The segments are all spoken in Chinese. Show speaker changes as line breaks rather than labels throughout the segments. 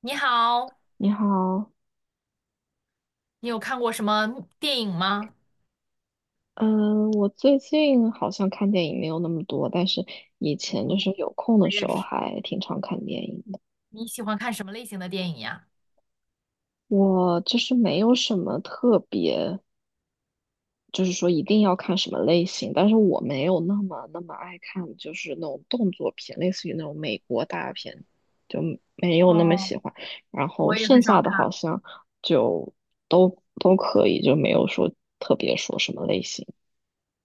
你好，
你好，
你有看过什么电影吗？
嗯，我最近好像看电影没有那么多，但是以前就
嗯，
是有空
我
的时
也
候
是。
还挺常看电影的。
你喜欢看什么类型的电影呀？
我就是没有什么特别，就是说一定要看什么类型，但是我没有那么爱看，就是那种动作片，类似于那种美国大片，就没有那么
哦，
喜欢。然后
我也
剩
很少
下的
看。
好像就都可以，就没有说特别说什么类型。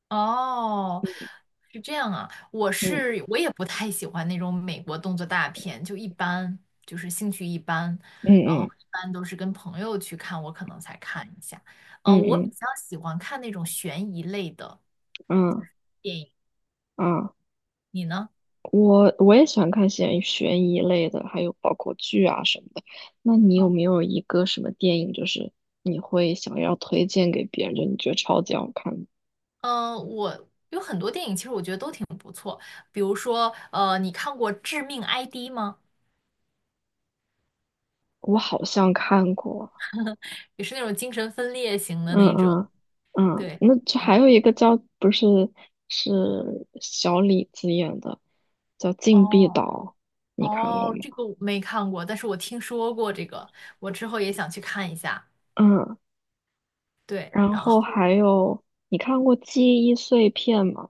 哦，是这样啊，我
嗯
是我也不太喜欢那种美国动作大片，就一般，就是兴趣一般，
嗯
然后
嗯
一般都是跟朋友去看，我可能才看一下。嗯、
嗯
我比
嗯
较喜欢看那种悬疑类的
嗯。
电影，
啊，
你呢？
我也喜欢看悬疑类的，还有包括剧啊什么的。那你有没有一个什么电影，就是你会想要推荐给别人，就你觉得超级好看的？
嗯，我有很多电影，其实我觉得都挺不错。比如说，你看过《致命 ID》吗？
我好像看过，
也是那种精神分裂型的
嗯
那种。
嗯嗯，
对，
那就
然
还
后
有一个叫不是是小李子演的，叫《禁闭岛》，
哦，
你看过
哦，
吗？
这个我没看过，但是我听说过这个，我之后也想去看一下。
嗯，
对，
然
然
后
后
还有你看过《记忆碎片》吗？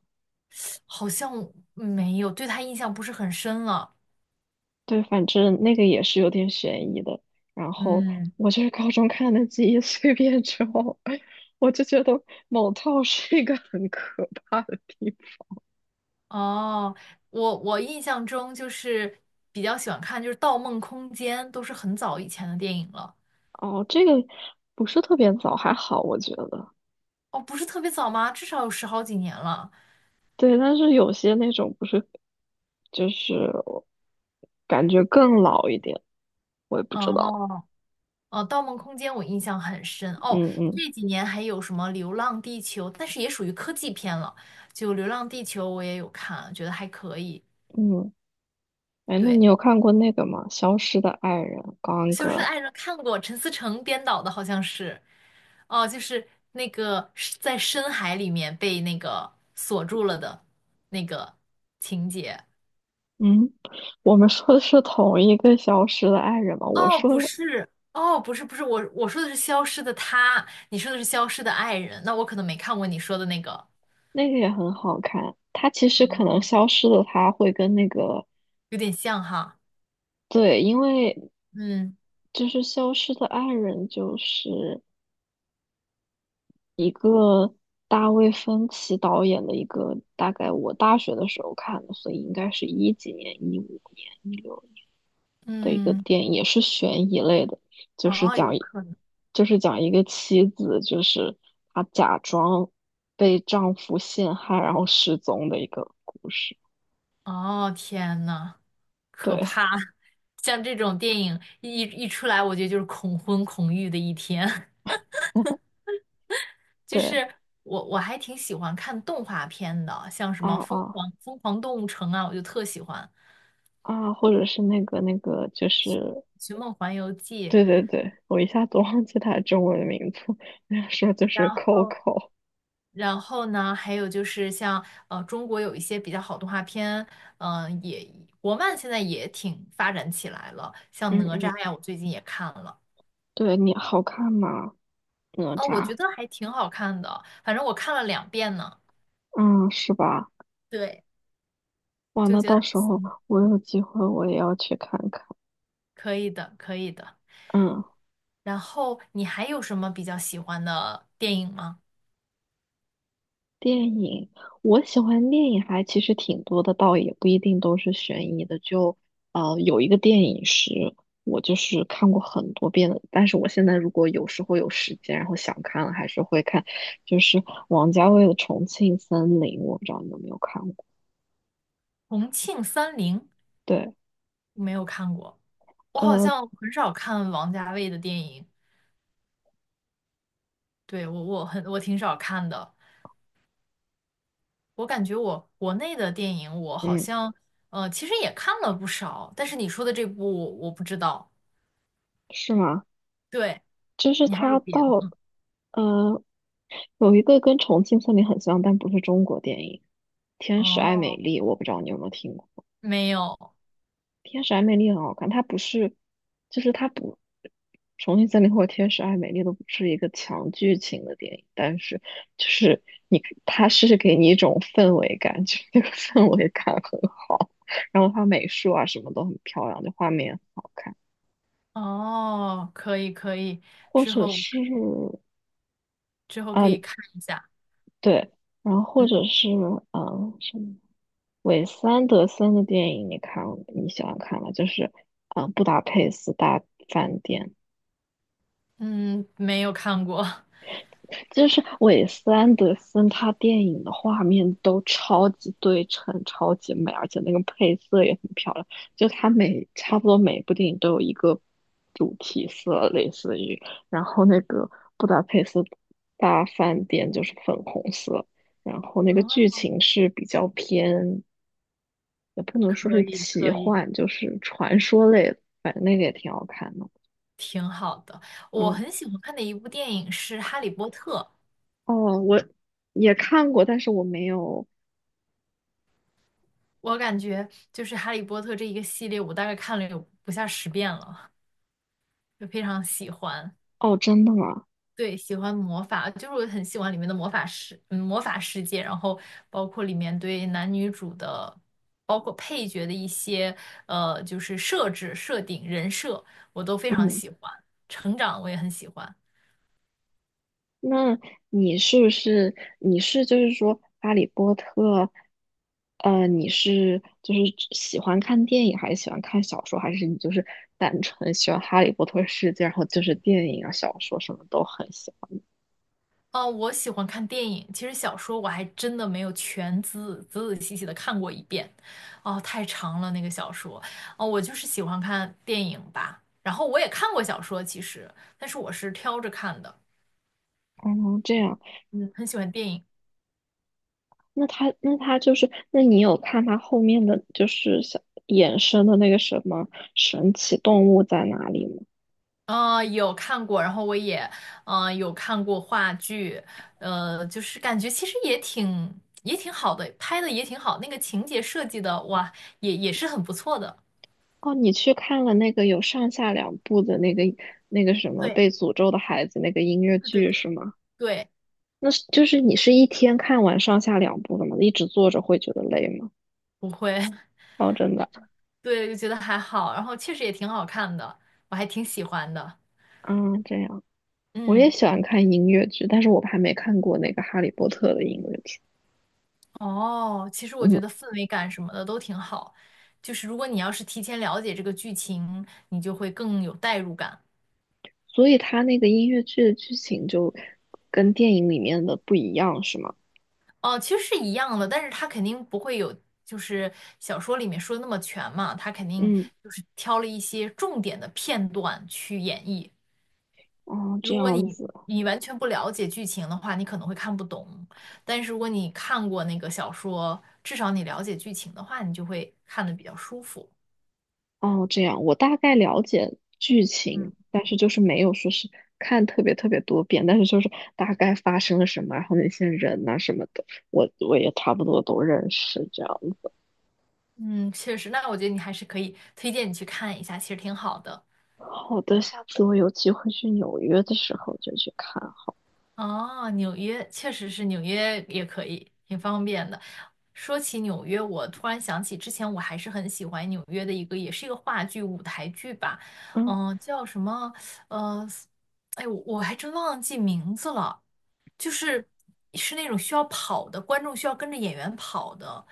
好像没有，对他印象不是很深了。
对，反正那个也是有点悬疑的。然后
嗯，
我就是高中看的《记忆碎片》之后，我就觉得某套是一个很可怕的地
哦，我印象中就是比较喜欢看就是《盗梦空间》，都是很早以前的电影了。
方。哦，这个不是特别早，还好我觉得。
哦，不是特别早吗？至少有十好几年了。
对，但是有些那种不是，就是感觉更老一点，我也不知道。
哦，哦，《盗梦空间》我印象很深。哦，
嗯嗯
这几年还有什么《流浪地球》，但是也属于科技片了。就《流浪地球》我也有看，觉得还可以。
嗯，哎，那
对，
你有看过那个吗？《消失的爱人》（Gone
《消失的
Girl）？
爱人》看过，陈思诚编导的，好像是。哦，就是那个是在深海里面被那个锁住了的那个情节。
嗯，我们说的是同一个消失的爱人嘛？我
哦，
说
不
的
是，哦，不是，不是，我说的是消失的他，你说的是消失的爱人，那我可能没看过你说的那个，
那个也很好看，他其实可能
哦，
消失的他会跟那个，
有点像哈，
对，因为
嗯
就是消失的爱人就是一个大卫芬奇导演的一个，大概我大学的时候看的，所以应该是一几年、一五年、一六的一个
嗯，
电影，也是悬疑类的，就是
哦，有
讲一
可能。
就是讲一个妻子，就是她假装被丈夫陷害，然后失踪的一个故事。
哦，天呐，可
对
怕！像这种电影一出来，我觉得就是恐婚恐育的一天。就
对
是我还挺喜欢看动画片的，像什
啊
么《疯
啊
狂疯狂动物城》啊，我就特喜欢
啊，或者是那个，就是
《寻梦环游记》，
对对对，我一下子忘记它的中文名字，那个时候就
然
是
后。
Coco。
然后呢，还有就是像中国有一些比较好动画片，嗯、也国漫现在也挺发展起来了，像
嗯
哪
嗯，
吒呀，我最近也看了，
对你好看吗？哪
啊、我觉
吒，
得还挺好看的，反正我看了两遍呢，
嗯，是吧？
对，
哇，
就
那
觉得
到
还
时候
行，
我有机会我也要去看看。
可以的，可以的。
嗯。
然后你还有什么比较喜欢的电影吗？
电影，我喜欢电影还其实挺多的，倒也不一定都是悬疑的。就有一个电影是我就是看过很多遍的，但是我现在如果有时候有时间，然后想看了，还是会看，就是王家卫的《重庆森林》，我不知道你有没有看过。
《重庆森林》
对，
没有看过，我好
呃，
像很少看王家卫的电影，对，我挺少看的。我感觉我国内的电影，我好
嗯，
像其实也看了不少，但是你说的这部我不知道。
是吗？
对，
就是
你还有
他
别的？
到
嗯，
呃有一个跟《重庆森林》很像，但不是中国电影，《天使爱美
哦，
丽》，我不知道你有没有听过。
没有，
天使爱美丽很好看，它不是，就是它不，《重庆森林》或者《天使爱美丽》都不是一个强剧情的电影，但是就是你可它是给你一种氛围感，就是那个氛围感很好，然后它美术啊什么都很漂亮，就画面很好看，
哦，可以可以，
或
之
者
后
是
之后可
啊、
以看一下。
对，然后或
嗯
者是什么韦斯安德森的电影，你看你喜欢看吗？就是布达佩斯大饭店》。
嗯，没有看过。
就是韦斯安德森他电影的画面都超级对称，超级美，而且那个配色也很漂亮。就他每差不多每一部电影都有一个主题色，类似于，然后那个布达佩斯大饭店就是粉红色，然后那个剧
哦，
情是比较偏，也不能说
可
是
以
奇
可以，
幻，就是传说类的，反正那个也挺好看的。
挺好的。我
嗯，
很喜欢看的一部电影是《哈利波特》，
哦，我也看过，但是我没有。
我感觉就是《哈利波特》这一个系列，我大概看了有不下十遍了，就非常喜欢。
哦，真的吗？
对，喜欢魔法，就是我很喜欢里面的魔法世，嗯，魔法世界，然后包括里面对男女主的，包括配角的一些，就是设置、设定、人设，我都非常喜欢。成长我也很喜欢。
那你是不是你是就是说《哈利波特》，你是就是喜欢看电影，还是喜欢看小说，还是你就是单纯喜欢《哈利波特》世界，然后就是电影啊、小说什么都很喜
哦，我喜欢看电影，其实小说我还真的没有全仔仔细细的看过一遍，哦，太长了那个小说。哦，我就是喜欢看电影吧，然后我也看过小说，其实，但是我是挑着看的，
欢？哦，这样，
嗯，很喜欢电影。
那他那他就是，那你有看他后面的就是小衍生的那个什么神奇动物在哪里吗？
有看过，然后我也，嗯，有看过话剧，就是感觉其实也挺好的，拍的也挺好，那个情节设计的，哇，也是很不错的。
哦，你去看了那个有上下两部的那个什么
对
被诅咒的孩子那个音乐
对对
剧
对，
是吗？
对，
那是就是你是一天看完上下两部的吗？一直坐着会觉得累吗？
不会，
哦，真的，
对，就觉得还好，然后确实也挺好看的，我还挺喜欢的。
嗯，这样。我也
嗯，
喜欢看音乐剧，但是我还没看过那个《哈利波特》的音乐剧。
哦，其实我觉
嗯，
得氛围感什么的都挺好，就是如果你要是提前了解这个剧情，你就会更有代入感。
所以它那个音乐剧的剧情就跟电影里面的不一样，是吗？
哦，其实是一样的，但是他肯定不会有，就是小说里面说的那么全嘛，他肯定
嗯，
就是挑了一些重点的片段去演绎。
哦，这
如果
样
你
子，
你完全不了解剧情的话，你可能会看不懂，但是如果你看过那个小说，至少你了解剧情的话，你就会看得比较舒服。
哦，这样。我大概了解剧
嗯
情，但是就是没有说是看特别特别多遍，但是就是大概发生了什么，然后那些人呐、什么的，我也差不多都认识，这样。
嗯，确实，那我觉得你还是可以推荐你去看一下，其实挺好的。
好的，下次我有机会去纽约的时候就去看。
哦，纽约确实是纽约也可以，挺方便的。说起纽约，我突然想起之前我还是很喜欢纽约的一个，也是一个话剧舞台剧吧，
嗯，
嗯、叫什么？呃，我还真忘记名字了，就是是那种需要跑的，观众需要跟着演员跑的，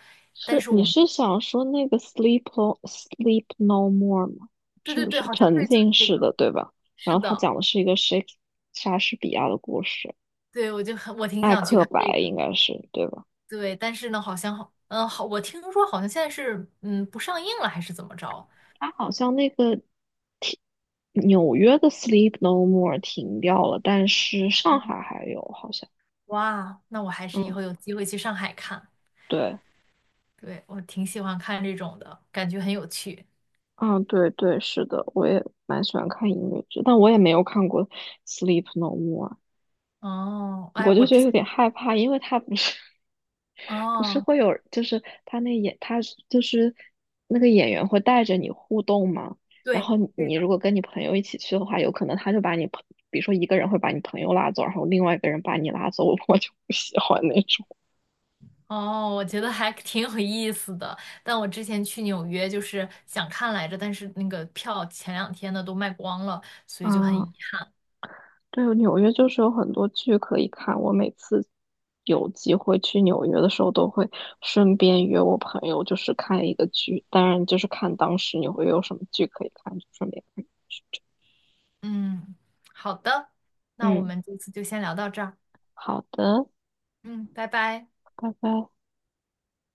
但
是
是
你
我，
是想说那个 Sleep No More 吗？
对
是
对
不
对，
是
好像
沉
对，就是
浸
这
式
个，
的，对吧？
是
然后它
的，
讲的是一个 莎士比亚的故事，
对，我就很，我挺
艾
想去
克
看这
白
个。
应该是对吧？
对，但是呢，好像好，嗯，好，我听说好像现在是，嗯，不上映了，还是怎么着？
它好像那个停纽约的 Sleep No More 停掉了，但是上
哦，
海还有好像。
哇，那我还是以
嗯，
后有机会去上海看。
对。
对，我挺喜欢看这种的，感觉很有趣。
嗯，对对，是的，我也蛮喜欢看音乐剧，但我也没有看过《Sleep No More》，
哦，哎，
我
我
就觉
之
得有
前，
点害怕，因为它不是 不是
哦，
会有，就是他那演他是就是那个演员会带着你互动嘛，然
对，
后你
对
你
的。
如果跟你朋友一起去的话，有可能他就把你朋，比如说一个人会把你朋友拉走，然后另外一个人把你拉走，我就不喜欢那种。
哦，我觉得还挺有意思的，但我之前去纽约就是想看来着，但是那个票前两天呢都卖光了，所以就很遗
啊。
憾。
对，纽约就是有很多剧可以看。我每次有机会去纽约的时候，都会顺便约我朋友，就是看一个剧。当然，就是看当时你会有什么剧可以看，就顺便看
嗯，好的，那我
嗯，
们这次就先聊到这儿。
好的，
嗯，拜拜。
拜拜。